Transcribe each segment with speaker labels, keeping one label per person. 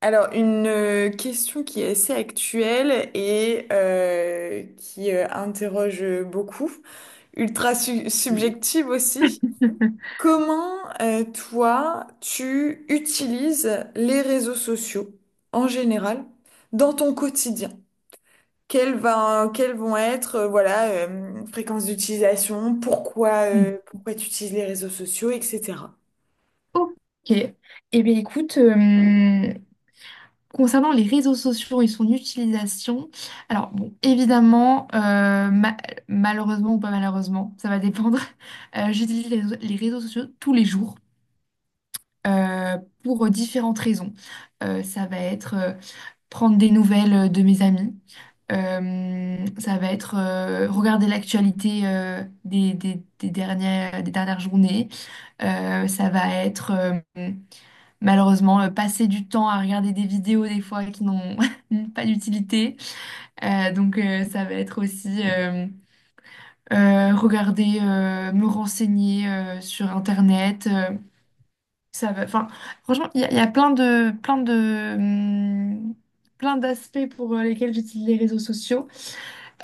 Speaker 1: Alors, une question qui est assez actuelle et qui interroge beaucoup, ultra
Speaker 2: Oui.
Speaker 1: subjective aussi. Comment, toi, tu utilises les réseaux sociaux en général dans ton quotidien? Quelles vont être, voilà, fréquences d'utilisation, pourquoi, pourquoi tu utilises les réseaux sociaux, etc.
Speaker 2: Ok. Eh bien, écoute, concernant les réseaux sociaux et son utilisation, alors, bon, évidemment, malheureusement ou pas malheureusement, ça va dépendre, j'utilise les réseaux sociaux tous les jours euh, pour différentes raisons. Ça va être prendre des nouvelles de mes amis. Ça va être regarder l'actualité des dernières journées. Ça va être malheureusement passer du temps à regarder des vidéos des fois qui n'ont pas d'utilité. Donc ça va être aussi regarder, me renseigner sur Internet. Ça va, enfin, franchement, il y a plein d'aspects pour lesquels j'utilise les réseaux sociaux.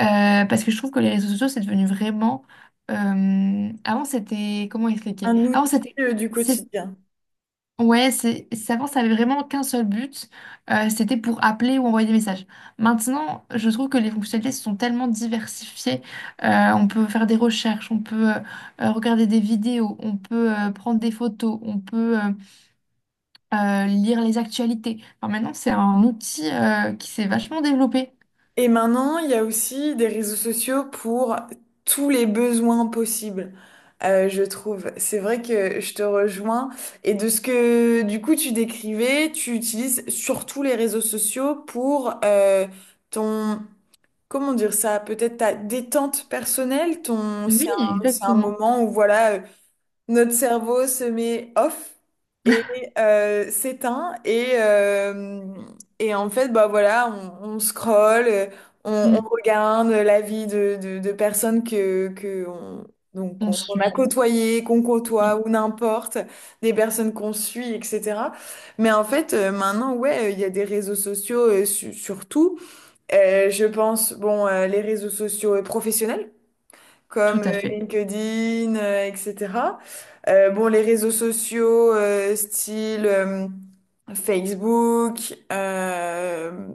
Speaker 2: Parce que je trouve que les réseaux sociaux, c'est devenu vraiment. Avant, c'était. Comment expliquer?
Speaker 1: Un
Speaker 2: Avant,
Speaker 1: outil,
Speaker 2: c'était.
Speaker 1: du
Speaker 2: c'est-
Speaker 1: quotidien.
Speaker 2: Ouais, avant, ça avait vraiment qu'un seul but. C'était pour appeler ou envoyer des messages. Maintenant, je trouve que les fonctionnalités se sont tellement diversifiées. On peut faire des recherches, on peut regarder des vidéos, on peut prendre des photos, on peut lire les actualités. Enfin, maintenant, c'est un outil qui s'est vachement développé.
Speaker 1: Et maintenant, il y a aussi des réseaux sociaux pour tous les besoins possibles, je trouve. C'est vrai que je te rejoins. Et de ce que du coup tu décrivais, tu utilises surtout les réseaux sociaux pour ton, comment dire ça, peut-être ta détente personnelle, ton,
Speaker 2: Oui,
Speaker 1: c'est un
Speaker 2: exactement.
Speaker 1: moment où voilà, notre cerveau se met off et s'éteint et en fait bah voilà on scrolle, on
Speaker 2: Mm.
Speaker 1: regarde la vie de personnes que on, donc
Speaker 2: On
Speaker 1: qu'on a
Speaker 2: suit.
Speaker 1: côtoyées, qu'on côtoie
Speaker 2: Oui,
Speaker 1: ou n'importe, des personnes qu'on suit, etc. Mais en fait maintenant ouais il y a des réseaux sociaux surtout. Je pense bon les réseaux sociaux professionnels
Speaker 2: tout
Speaker 1: comme
Speaker 2: à fait.
Speaker 1: LinkedIn, etc. Bon, les réseaux sociaux, style Facebook,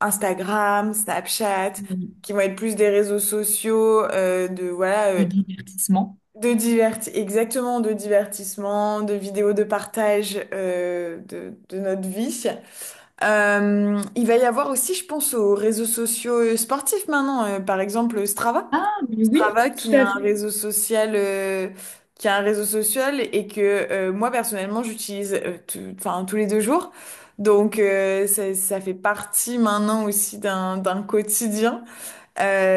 Speaker 1: Instagram, Snapchat,
Speaker 2: Oui.
Speaker 1: qui vont être plus des réseaux sociaux de voilà
Speaker 2: Le divertissement.
Speaker 1: de diverti exactement de divertissement, de vidéos de partage de notre vie. Il va y avoir aussi, je pense, aux réseaux sociaux sportifs maintenant, par exemple Strava.
Speaker 2: Ah, mais oui,
Speaker 1: Strava
Speaker 2: tout à fait.
Speaker 1: qui a un réseau social et que moi personnellement j'utilise enfin tous les 2 jours donc ça fait partie maintenant aussi d'un quotidien.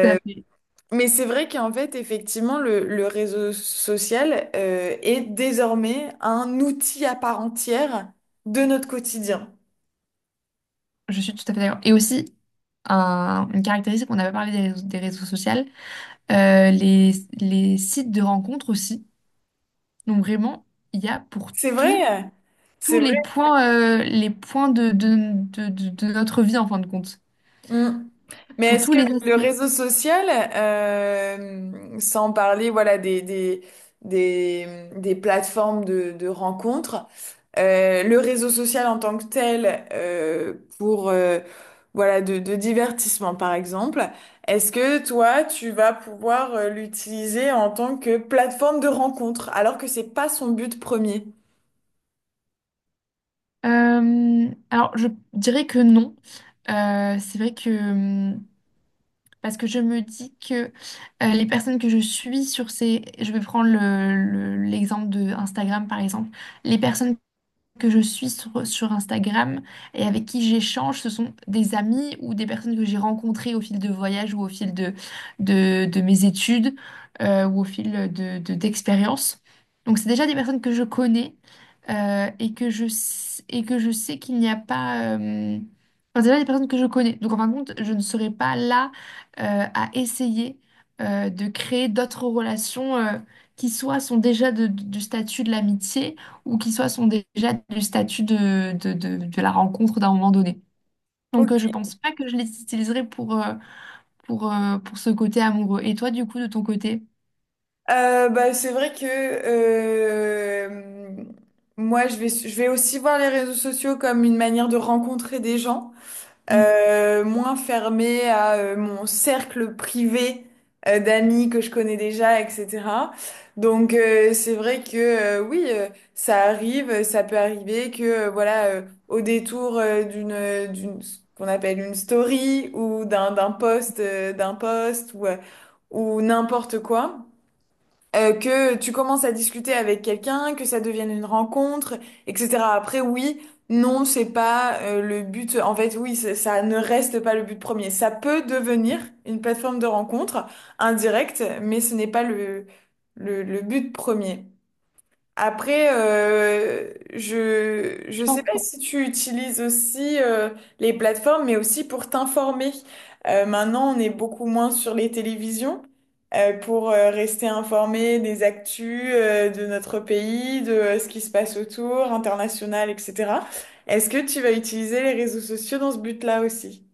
Speaker 2: Tout à fait.
Speaker 1: mais c'est vrai qu'en fait effectivement le réseau social est désormais un outil à part entière de notre quotidien.
Speaker 2: Je suis tout à fait d'accord. Et aussi, une caractéristique, on avait parlé des des réseaux sociaux, euh, les, les sites de rencontres aussi. Donc vraiment, il y a pour
Speaker 1: C'est
Speaker 2: tout,
Speaker 1: vrai,
Speaker 2: tous
Speaker 1: c'est vrai.
Speaker 2: les points de notre vie en fin de compte,
Speaker 1: Mm. Mais
Speaker 2: pour
Speaker 1: est-ce
Speaker 2: tous
Speaker 1: que
Speaker 2: les
Speaker 1: le
Speaker 2: aspects.
Speaker 1: réseau social, sans parler voilà des plateformes de rencontres, le réseau social en tant que tel, pour voilà de divertissement par exemple, est-ce que toi tu vas pouvoir l'utiliser en tant que plateforme de rencontre alors que c'est pas son but premier?
Speaker 2: Alors, je dirais que non. C'est vrai que parce que je me dis que les personnes que je suis sur ces, je vais prendre l'exemple de Instagram par exemple, les personnes que je suis sur Instagram et avec qui j'échange, ce sont des amis ou des personnes que j'ai rencontrées au fil de voyages ou au fil de mes études ou au fil d'expériences. Donc c'est déjà des personnes que je connais et que je sais qu'il n'y a pas enfin, c'est déjà des personnes que je connais. Donc en fin de compte, je ne serai pas là à essayer de créer d'autres relations qui soient sont déjà du statut de l'amitié ou qui soit sont déjà du statut de la rencontre d'un moment donné. Donc,
Speaker 1: Ok.
Speaker 2: je pense pas que je les utiliserai pour ce côté amoureux. Et toi, du coup, de ton côté?
Speaker 1: Bah, c'est vrai que moi, je vais aussi voir les réseaux sociaux comme une manière de rencontrer des gens,
Speaker 2: Mm.
Speaker 1: moins fermée à mon cercle privé d'amis que je connais déjà, etc. Donc, c'est vrai que oui, ça arrive, ça peut arriver que voilà, au détour d'une, ce qu'on appelle une story ou d'un post, ou n'importe quoi que tu commences à discuter avec quelqu'un, que ça devienne une rencontre, etc. Après, oui, non, c'est pas le but. En fait, oui, ça ne reste pas le but premier. Ça peut devenir une plateforme de rencontre indirecte, mais ce n'est pas le but premier. Après, je
Speaker 2: Je
Speaker 1: sais
Speaker 2: pense.
Speaker 1: pas si tu utilises aussi les plateformes, mais aussi pour t'informer. Maintenant, on est beaucoup moins sur les télévisions pour rester informé des actus de notre pays, de ce qui se passe autour, international, etc. Est-ce que tu vas utiliser les réseaux sociaux dans ce but-là aussi?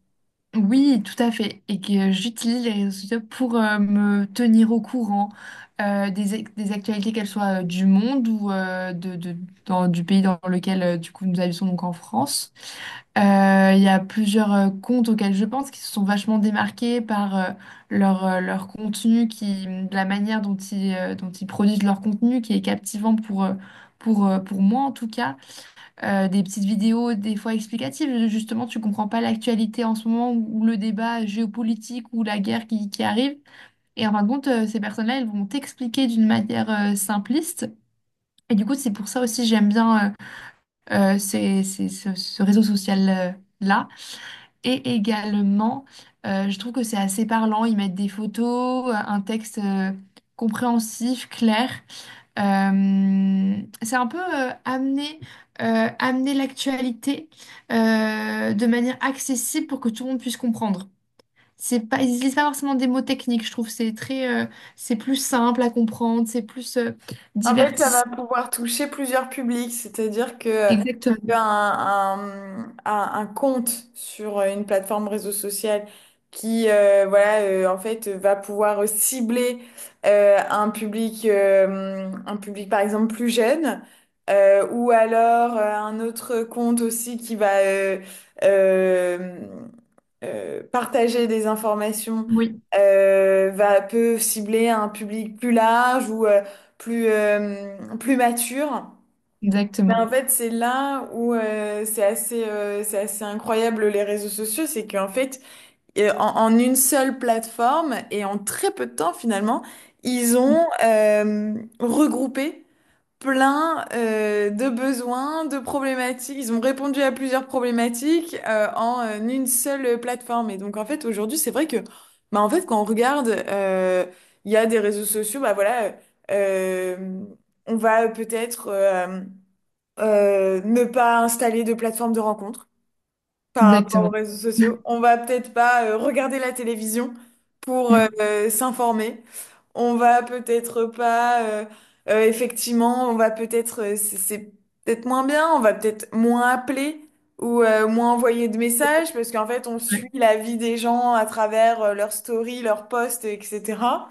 Speaker 2: Oui, tout à fait. Et que j'utilise les réseaux sociaux pour me tenir au courant des actualités, qu'elles soient du monde ou du pays dans lequel du coup nous habitons, donc en France. Il y a plusieurs comptes auxquels je pense qui se sont vachement démarqués par leur contenu, qui, de la manière dont dont ils produisent leur contenu, qui est captivant pour moi en tout cas des petites vidéos des fois explicatives. Justement, tu comprends pas l'actualité en ce moment ou le débat géopolitique ou la guerre qui arrive. Et en fin de compte, ces personnes-là, elles vont t'expliquer d'une manière simpliste. Et du coup, c'est pour ça aussi j'aime bien ce réseau social-là. Et également, je trouve que c'est assez parlant. Ils mettent des photos, un texte compréhensif, clair. C'est un peu amener, amener l'actualité de manière accessible pour que tout le monde puisse comprendre. C'est pas, ils utilisent pas forcément des mots techniques, je trouve. C'est très, c'est plus simple à comprendre, c'est plus
Speaker 1: En fait, ça va
Speaker 2: divertissant.
Speaker 1: pouvoir toucher plusieurs publics, c'est-à-dire que
Speaker 2: Exactement.
Speaker 1: un compte sur une plateforme réseau social qui voilà en fait va pouvoir cibler un public par exemple plus jeune ou alors un autre compte aussi qui va euh, partager des informations
Speaker 2: Oui,
Speaker 1: peut cibler un public plus large ou plus mature. Mais
Speaker 2: exactement.
Speaker 1: en fait, c'est là où c'est assez incroyable les réseaux sociaux, c'est qu'en fait, en une seule plateforme et en très peu de temps finalement, ils
Speaker 2: Mm.
Speaker 1: ont regroupé plein de besoins, de problématiques. Ils ont répondu à plusieurs problématiques en une seule plateforme. Et donc en fait aujourd'hui c'est vrai que bah en fait quand on regarde il y a des réseaux sociaux bah voilà euh, on va peut-être ne pas installer de plateforme de rencontre par rapport aux
Speaker 2: Exactement.
Speaker 1: réseaux sociaux. On va peut-être pas regarder la télévision pour
Speaker 2: Mm,
Speaker 1: s'informer. On va peut-être pas, effectivement, on va peut-être, c'est peut-être moins bien, on va peut-être moins appeler ou moins envoyer de messages parce qu'en fait, on
Speaker 2: ouais.
Speaker 1: suit la vie des gens à travers leurs stories, leurs posts, etc.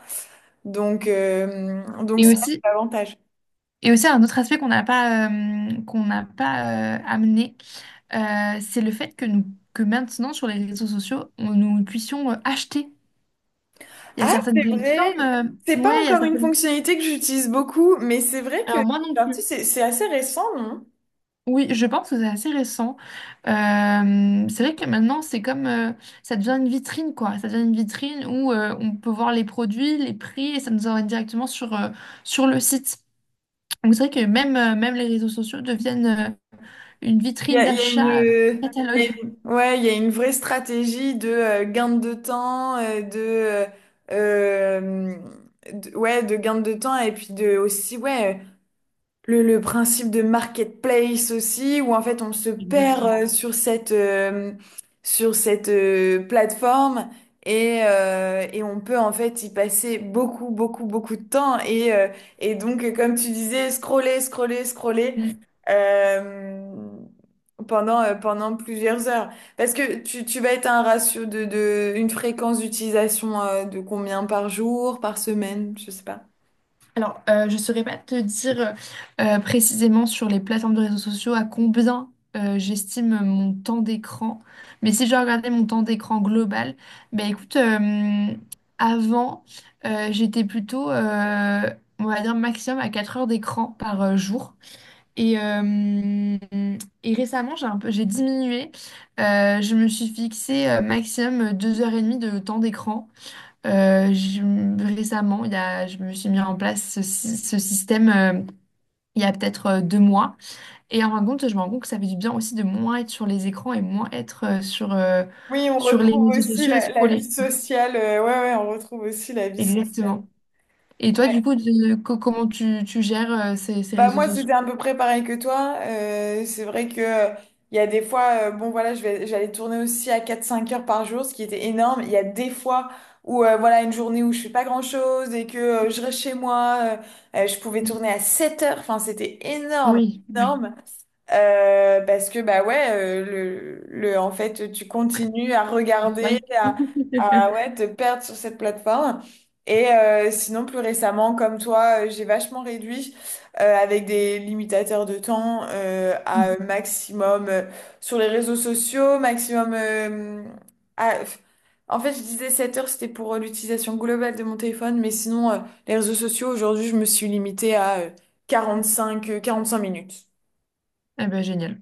Speaker 1: Donc
Speaker 2: Et
Speaker 1: c'est ça
Speaker 2: aussi,
Speaker 1: l'avantage.
Speaker 2: et aussi un autre aspect qu'on n'a pas amené, c'est le fait que nous, que maintenant sur les réseaux sociaux, nous puissions acheter. Il y a
Speaker 1: Ah,
Speaker 2: certaines
Speaker 1: c'est
Speaker 2: plateformes.
Speaker 1: vrai. C'est pas
Speaker 2: Ouais, il y a
Speaker 1: encore une
Speaker 2: certaines.
Speaker 1: fonctionnalité que j'utilise beaucoup, mais c'est vrai que
Speaker 2: Alors, moi non
Speaker 1: c'est sorti,
Speaker 2: plus.
Speaker 1: c'est assez récent, non?
Speaker 2: Oui, je pense que c'est assez récent. C'est vrai que maintenant, c'est comme. Ça devient une vitrine, quoi. Ça devient une vitrine où on peut voir les produits, les prix, et ça nous emmène directement sur, sur le site. Donc, c'est vrai que même, même les réseaux sociaux deviennent une vitrine d'achat,
Speaker 1: Il y
Speaker 2: catalogue.
Speaker 1: a une- ouais, il y a une vraie stratégie de gain de temps, euh, ouais, de gain de temps et puis de aussi, ouais. Le principe de marketplace aussi, où en fait on se perd
Speaker 2: Exactement.
Speaker 1: sur cette plateforme et on peut en fait y passer beaucoup, beaucoup, beaucoup de temps. Et donc, comme tu disais, scroller, scroller, scroller euh, pendant plusieurs heures. Parce que tu vas être à un ratio de une fréquence d'utilisation de combien par jour, par semaine, je sais pas.
Speaker 2: Alors, je ne saurais pas te dire précisément sur les plateformes de réseaux sociaux à combien j'estime mon temps d'écran. Mais si je regardais mon temps d'écran global, ben écoute, avant, j'étais plutôt, on va dire, maximum à 4 heures d'écran par jour. Et, euh, et récemment, j'ai un peu, j'ai diminué. Je me suis fixé maximum 2 h 30 de temps d'écran. Récemment, je me suis mis en place ce système il y a peut-être 2 mois. Et en fin de compte, je me rends compte que ça fait du bien aussi de moins être sur les écrans et moins être sur,
Speaker 1: Oui, on
Speaker 2: sur les
Speaker 1: retrouve
Speaker 2: réseaux
Speaker 1: aussi
Speaker 2: sociaux à
Speaker 1: la vie
Speaker 2: scroller.
Speaker 1: sociale. Ouais, ouais, on retrouve aussi la vie sociale.
Speaker 2: Exactement. Et toi, du coup, comment tu gères ces
Speaker 1: Bah
Speaker 2: réseaux
Speaker 1: moi,
Speaker 2: sociaux?
Speaker 1: c'était à peu près pareil que toi. C'est vrai que il y a des fois, bon voilà, j'allais tourner aussi à 4 5 heures par jour, ce qui était énorme. Il y a des fois où voilà, une journée où je fais pas grand-chose et que je reste chez moi, je pouvais tourner à 7 heures. Enfin, c'était énorme,
Speaker 2: Oui, oui.
Speaker 1: énorme. Parce que bah ouais le en fait tu continues à regarder
Speaker 2: Oui.
Speaker 1: ouais te perdre sur cette plateforme et sinon plus récemment comme toi j'ai vachement réduit avec des limitateurs de temps à maximum sur les réseaux sociaux maximum à- en fait je disais 7 heures c'était pour l'utilisation globale de mon téléphone mais sinon les réseaux sociaux aujourd'hui je me suis limitée à 5 minutes
Speaker 2: Eh ben, génial.